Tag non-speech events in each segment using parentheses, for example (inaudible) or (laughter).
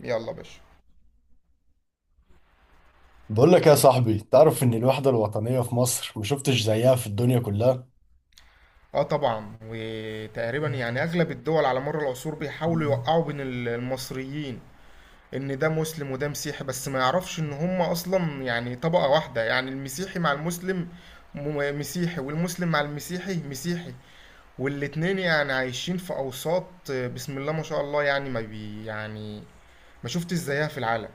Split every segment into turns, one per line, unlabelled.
يلا يا باشا.
بقول لك يا صاحبي، تعرف ان الوحدة الوطنية في مصر ما شفتش زيها في الدنيا كلها.
اه طبعا، وتقريبا يعني اغلب الدول على مر العصور بيحاولوا يوقعوا بين المصريين، ان ده مسلم وده مسيحي، بس ما يعرفش ان هم اصلا يعني طبقة واحدة، يعني المسيحي مع المسلم مسيحي، والمسلم مع المسيحي مسيحي، والاتنين يعني عايشين في اوساط. بسم الله ما شاء الله، يعني ما بي يعني ما شفتش زيها في العالم.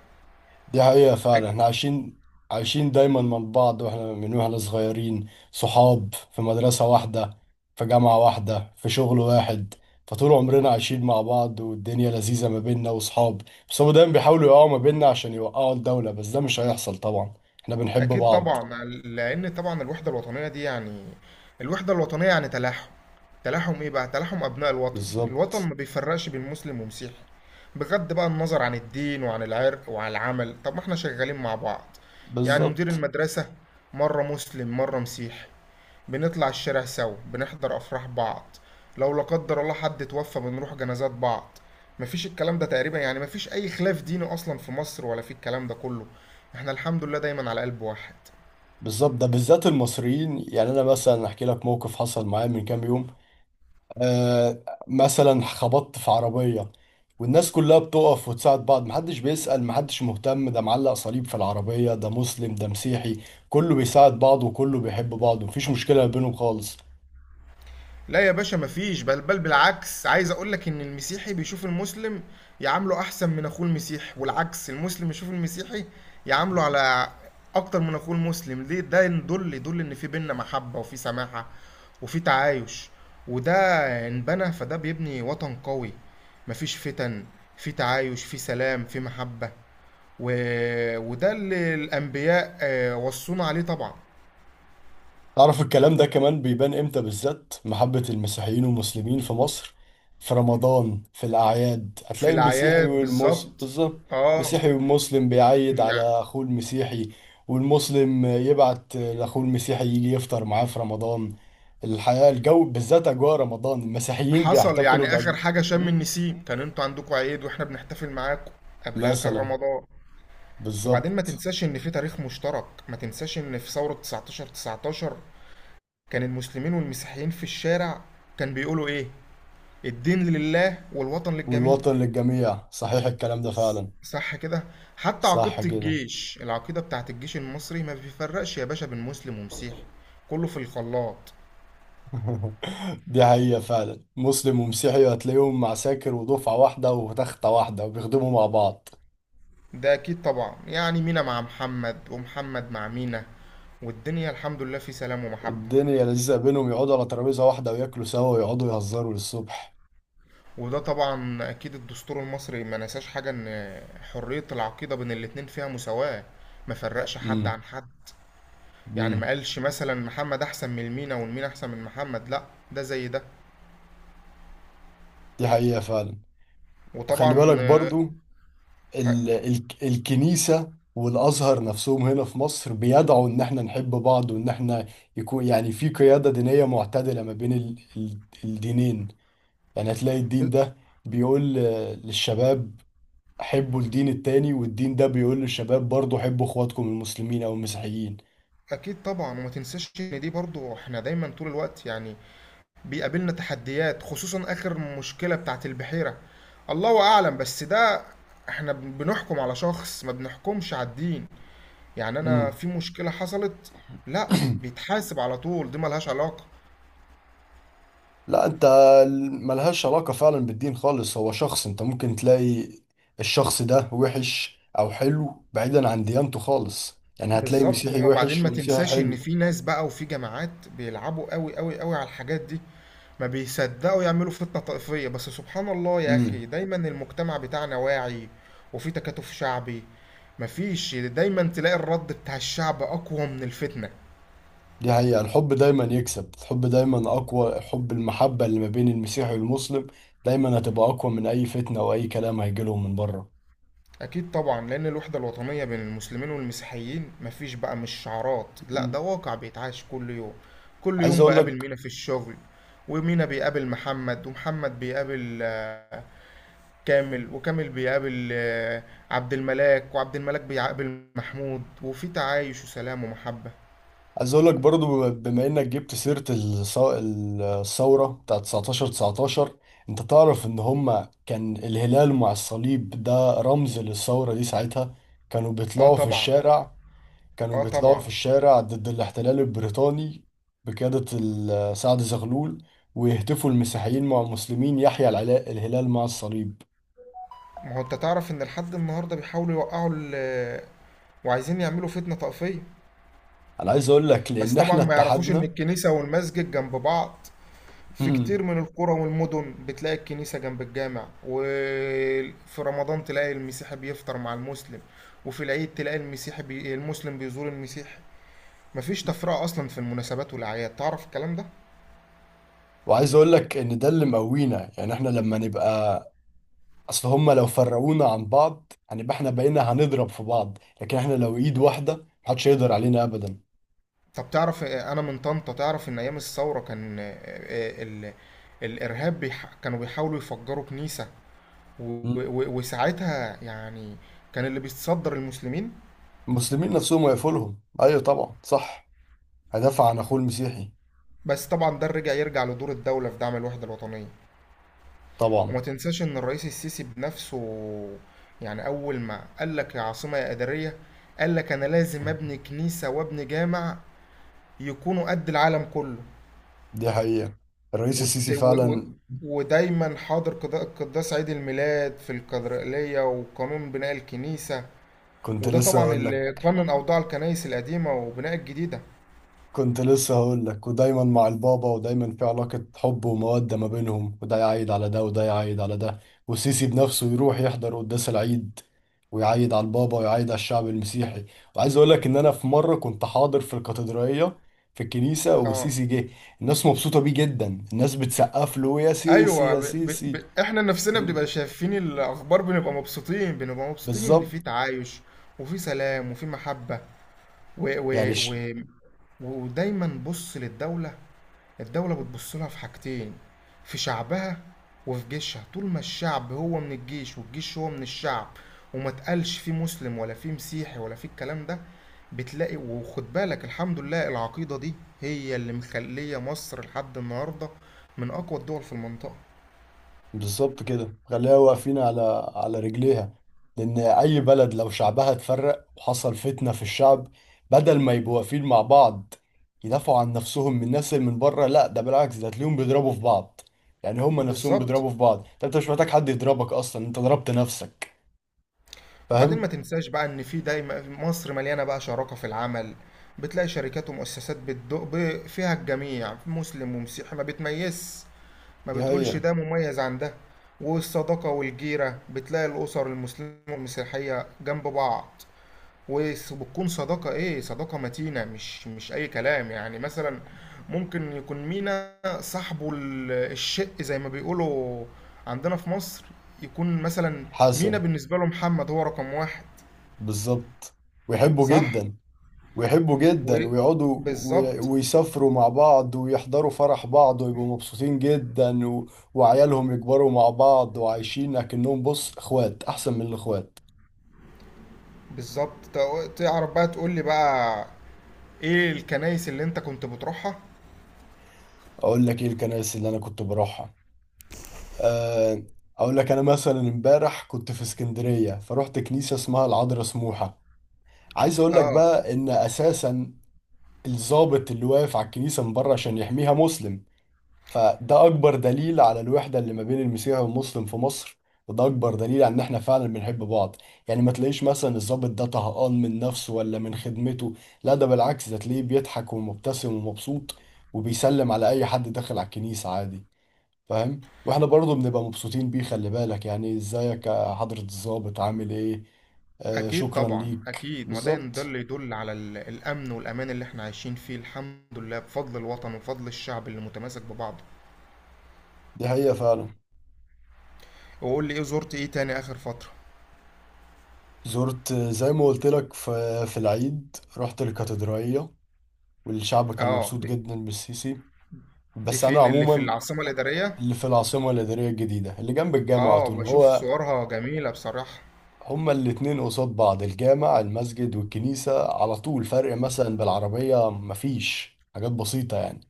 دي حقيقة فعلا، احنا عايشين دايما مع بعض، واحنا صغيرين، صحاب في مدرسة واحدة، في جامعة واحدة، في شغل واحد، فطول عمرنا عايشين مع بعض، والدنيا لذيذة ما بيننا وصحاب. بس هما دايما بيحاولوا يقعوا ما بيننا عشان يوقعوا الدولة، بس ده مش هيحصل طبعا. احنا بنحب
اكيد
بعض.
طبعا، لان طبعا الوحده الوطنيه يعني تلاحم ايه بقى، تلاحم ابناء الوطن، الوطن
بالظبط.
ما بيفرقش بين مسلم ومسيحي، بغض بقى النظر عن الدين وعن العرق وعن العمل، طب ما احنا شغالين مع بعض. يعني مدير
بالظبط.
المدرسه مره مسلم مره مسيحي، بنطلع الشارع سوا، بنحضر أفراح بعض، لو لا قدر الله حد اتوفى بنروح جنازات بعض، مفيش الكلام ده، تقريبا يعني مفيش أي خلاف ديني أصلا في مصر ولا في الكلام ده كله، احنا الحمد لله دايما على قلب واحد.
بالظبط، ده بالذات المصريين، يعني انا مثلا احكي لك موقف حصل معايا من كام يوم. آه، مثلا خبطت في عربيه، والناس كلها بتقف وتساعد بعض، محدش بيسأل، محدش مهتم ده معلق صليب في العربيه، ده مسلم ده مسيحي، كله بيساعد بعض وكله بيحب بعض، مفيش مشكله ما بينهم خالص.
لا يا باشا، مفيش، بل بل بالعكس، عايز اقولك ان المسيحي بيشوف المسلم يعامله احسن من اخوه المسيحي، والعكس المسلم يشوف المسيحي يعامله على اكتر من اخوه المسلم، ليه؟ ده يدل ان في بينا محبة وفي سماحة وفي تعايش، وده انبنى، فده بيبني وطن قوي، مفيش فتن، في تعايش في سلام في محبة، و... وده اللي الانبياء وصونا عليه طبعا.
تعرف الكلام ده كمان بيبان امتى بالذات؟ محبة المسيحيين والمسلمين في مصر في رمضان، في الأعياد
في
هتلاقي المسيحي
الاعياد
والمسلم
بالظبط.
بالظبط.
اه،
المسيحي والمسلم بيعيد
يعني
على أخوه المسيحي، والمسلم يبعت لأخوه المسيحي يجي يفطر معاه في رمضان. الحقيقة الجو بالذات أجواء رمضان المسيحيين
حصل
بيحتفلوا
يعني
بأجواء.
اخر حاجه شم النسيم، كان انتوا عندكم عيد واحنا بنحتفل معاكم، قبلها كان
مثلا.
رمضان. وبعدين ما
بالظبط.
تنساش ان في تاريخ مشترك، ما تنساش ان في ثوره 19 19 كان المسلمين والمسيحيين في الشارع، كان بيقولوا ايه؟ الدين لله والوطن للجميع.
والوطن للجميع، صحيح الكلام ده فعلا.
صح كده. حتى عقيده
صح كده.
الجيش، العقيده بتاعت الجيش المصري، ما بيفرقش يا باشا بين مسلم ومسيحي، كله في الخلاط.
(laughs) دي حقيقة فعلا، مسلم ومسيحي هتلاقيهم عساكر، ودفعة واحدة وتختة واحدة وبيخدموا مع بعض.
ده اكيد طبعا، يعني مينا مع محمد، ومحمد مع مينا، والدنيا الحمد لله في سلام ومحبه.
والدنيا لذيذة بينهم، يقعدوا على ترابيزة واحدة وياكلوا سوا ويقعدوا يهزروا للصبح.
وده طبعا اكيد الدستور المصري ما نساش حاجه، ان حريه العقيده بين الاتنين فيها مساواه، ما فرقش حد
امم.
عن حد، يعني ما
امم.
قالش مثلا محمد احسن من المينا، والمينا احسن من محمد، لا، ده زي ده.
دي حقيقة فعلا. وخلي
وطبعا
بالك برضو، ال ال الكنيسة والأزهر نفسهم هنا في مصر بيدعوا إن احنا نحب بعض، وإن احنا يكون يعني في قيادة دينية معتدلة ما بين ال ال الدينين يعني هتلاقي الدين
ب-
ده بيقول للشباب، حبوا الدين التاني، والدين ده بيقول للشباب برضو، حبوا اخواتكم المسلمين او المسيحيين.
اكيد طبعا. وما تنساش ان دي برضو، احنا دايما طول الوقت يعني بيقابلنا تحديات، خصوصا اخر مشكله بتاعت البحيره، الله اعلم، بس ده احنا بنحكم على شخص، ما بنحكمش على الدين، يعني انا
امم.
في مشكلة حصلت. لا،
(clears throat)
بيتحاسب على طول، دي ملهاش علاقة.
لا، انت ملهاش علاقة فعلا بالدين خالص، هو شخص، انت ممكن تلاقي الشخص ده وحش او حلو بعيدا عن ديانته خالص، يعني هتلاقي
بالظبط.
مسيحي
وبعدين
وحش
ما
ومسيحي
تنساش ان
حلو.
في ناس بقى وفي جماعات بيلعبوا قوي قوي قوي على الحاجات دي، ما بيصدقوا يعملوا فتنة طائفية، بس سبحان الله يا اخي،
امم.
دايما المجتمع بتاعنا واعي، وفي تكاتف شعبي، مفيش، دايما تلاقي الرد بتاع الشعب اقوى من الفتنة.
دي حقيقة، الحب دايما يكسب، الحب دايما أقوى، حب المحبة اللي ما بين المسيحي والمسلم دايما هتبقى أقوى من أي فتنة أو أي كلام هيجيلهم من بره.
أكيد طبعا، لأن الوحدة الوطنية بين المسلمين والمسيحيين مفيش بقى، مش شعارات، لأ
مم.
ده واقع بيتعاش كل يوم، كل
عايز
يوم
أقول
بقابل
لك.
مينا في الشغل، ومينا بيقابل محمد، ومحمد بيقابل كامل، وكامل بيقابل عبد الملاك، وعبد الملاك بيقابل محمود، وفي تعايش وسلام ومحبة.
عايز اقول لك برضو، بما انك جبت سيرة الثورة بتاعت 1919، انت تعرف ان هما كان الهلال مع الصليب ده رمز للثورة دي ساعتها. كانوا
اه
بيطلعوا في
طبعا.
الشارع، كانوا
اه
بيطلعوا في
طبعا.
الشارع ضد الاحتلال البريطاني بقيادة سعد زغلول، ويهتفوا المسيحيين مع المسلمين، يحيى الهلال مع الصليب.
ما هو انت تعرف ان لحد النهارده بيحاولوا يوقعوا وعايزين يعملوا فتنة طائفية،
انا عايز اقول لك
بس
لان
طبعا
احنا
ما يعرفوش ان
اتحدنا.
الكنيسة والمسجد جنب بعض، في كتير من
(laughs)
القرى والمدن بتلاقي الكنيسة جنب الجامع، وفي رمضان تلاقي المسيحي بيفطر مع المسلم، وفي العيد تلاقي المسيحي المسلم بيزور المسيحي، مفيش تفرقة أصلا في المناسبات والأعياد، تعرف الكلام ده؟
وعايز اقول لك ان ده اللي مقوينا، يعني احنا لما نبقى، اصل هما لو فرقونا عن بعض هنبقى احنا بقينا هنضرب في بعض، لكن احنا لو ايد واحده محدش يقدر علينا ابدا.
طب تعرف أنا من طنطا، تعرف إن أيام الثورة كان الإرهاب كانوا بيحاولوا يفجروا كنيسة، و...
مم.
وساعتها يعني كان اللي بيتصدر المسلمين.
المسلمين نفسهم ويقفلهم، ايوه طبعا، صح، هدافع عن اخوه المسيحي.
بس طبعا ده رجع، يرجع لدور الدولة في دعم الوحدة الوطنية،
طبعا.
وما تنساش ان الرئيس السيسي بنفسه، يعني اول ما قال لك يا عاصمة يا إدارية، قال لك انا لازم
مم.
ابني كنيسة وابني جامع يكونوا قد العالم كله،
دي حقيقه، الرئيس
وت...
السيسي
و... و...
فعلا.
ودايما حاضر قداس عيد الميلاد في الكاتدرائية، وقانون بناء الكنيسة،
كنت
وده
لسه
طبعا
اقول
اللي
لك.
قانون أوضاع الكنائس القديمة وبناء الجديدة.
كنت لسه هقول لك، ودايما مع البابا، ودايما في علاقة حب ومودة ما بينهم، وده يعيد على ده وده يعيد على ده، وسيسي بنفسه يروح يحضر قداس العيد، ويعيد على البابا ويعيد على الشعب المسيحي. وعايز اقول لك ان انا في مرة كنت حاضر في الكاتدرائية، في الكنيسة،
اه
وسيسي جه، الناس مبسوطة بيه جدا، الناس بتسقف له، يا سيسي
ايوه،
يا سيسي.
احنا نفسنا
م-
بنبقى شايفين الاخبار، بنبقى مبسوطين، بنبقى مبسوطين ان
بالظبط.
في تعايش وفي سلام وفي محبة، و
يعني
و و ودايما بص للدولة، الدولة بتبص لها في حاجتين، في شعبها وفي جيشها، طول ما الشعب هو من الجيش والجيش هو من الشعب، وما تقالش فيه مسلم ولا فيه مسيحي ولا فيه الكلام ده، بتلاقي، وخد بالك، الحمد لله العقيدة دي هي اللي مخلية مصر لحد النهاردة من أقوى الدول في المنطقة.
بالظبط كده، خليها واقفين على رجليها، لان اي بلد لو شعبها اتفرق وحصل فتنة في الشعب، بدل ما يبقوا واقفين مع بعض يدافعوا عن نفسهم من الناس اللي من بره، لا ده بالعكس، ده تلاقيهم بيضربوا في بعض، يعني هما نفسهم
بالظبط.
بيضربوا في بعض، ده انت مش محتاج حد يضربك اصلا، انت ضربت نفسك.
وبعدين ما
فاهم؟
تنساش بقى ان في دايما مصر مليانه بقى شراكه في العمل، بتلاقي شركات ومؤسسات بتدق فيها الجميع مسلم ومسيحي، ما بتميزش، ما
دي هي.
بتقولش ده مميز عن ده، والصداقه والجيره بتلاقي الاسر المسلمه والمسيحيه جنب بعض، وبتكون صداقه ايه؟ صداقه متينه، مش اي كلام، يعني مثلا ممكن يكون مينا صاحبه الشق زي ما بيقولوا عندنا في مصر، يكون مثلا مينا
حسن.
بالنسبه له محمد هو رقم واحد.
بالظبط، ويحبوا
صح.
جدا، ويحبوا جدا ويقعدوا
وبالظبط،
ويسافروا مع بعض ويحضروا فرح بعض ويبقوا مبسوطين جدا وعيالهم يكبروا مع بعض، وعايشين اكنهم بص اخوات احسن من الاخوات.
بالظبط. تعرف بقى، تقول لي بقى ايه الكنائس اللي انت كنت بتروحها.
اقول لك ايه الكنائس اللي انا كنت بروحها. أه... اقول لك انا مثلا امبارح كنت في اسكندرية، فروحت كنيسة اسمها العذراء سموحة. عايز اقول لك
اه.
بقى ان اساسا الضابط اللي واقف على الكنيسة من بره عشان يحميها مسلم، فده اكبر دليل على الوحده اللي ما بين المسيحي والمسلم في مصر، وده اكبر دليل على ان احنا فعلا بنحب بعض. يعني ما تلاقيش مثلا الضابط ده طهقان من نفسه ولا من خدمته، لا ده بالعكس، ده تلاقيه بيضحك ومبتسم ومبسوط، وبيسلم على اي حد داخل على الكنيسه عادي. فاهم؟ واحنا برضه بنبقى مبسوطين بيه، خلي بالك يعني، ازيك يا حضره الضابط، عامل ايه؟ آه،
اكيد
شكرا
طبعا،
ليك.
اكيد، ما ده
بالظبط.
اللي يدل على الامن والامان اللي احنا عايشين فيه، الحمد لله، بفضل الوطن، وبفضل الشعب اللي متماسك ببعضه.
دي حقيقه فعلا.
وقول لي ايه، زرت ايه تاني اخر فترة؟
زرت زي ما قلت لك، في العيد رحت الكاتدرائية، والشعب كان
اه
مبسوط
دي
جدا بالسيسي.
دي
بس انا
فين اللي في
عموما،
العاصمة الإدارية؟
اللي في العاصمه الاداريه الجديده اللي جنب الجامع على
اه،
طول
بشوف
هو.
صورها جميلة بصراحة.
هما الاتنين قصاد بعض، الجامع المسجد والكنيسه على طول، فرق مثلا بالعربيه، مفيش حاجات بسيطه، يعني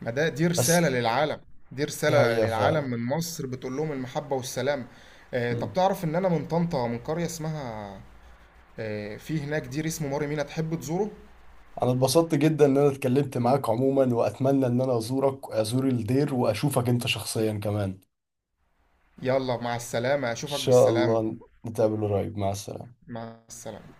ما ده دي
بس.
رسالة للعالم، دي
دي
رسالة
حقيقه
للعالم
فعلا.
من مصر بتقول لهم المحبة والسلام. آه طب
مم.
تعرف ان انا من طنطا، من قرية اسمها، في هناك دير اسمه ماري مينا، تحب تزوره.
انا اتبسطت جدا ان انا اتكلمت معاك عموما، واتمنى ان انا ازورك، ازور الدير واشوفك انت شخصيا كمان، ان
يلا مع السلامة، اشوفك
شاء
بالسلامة.
الله نتقابل قريب، مع السلامه.
مع السلامة.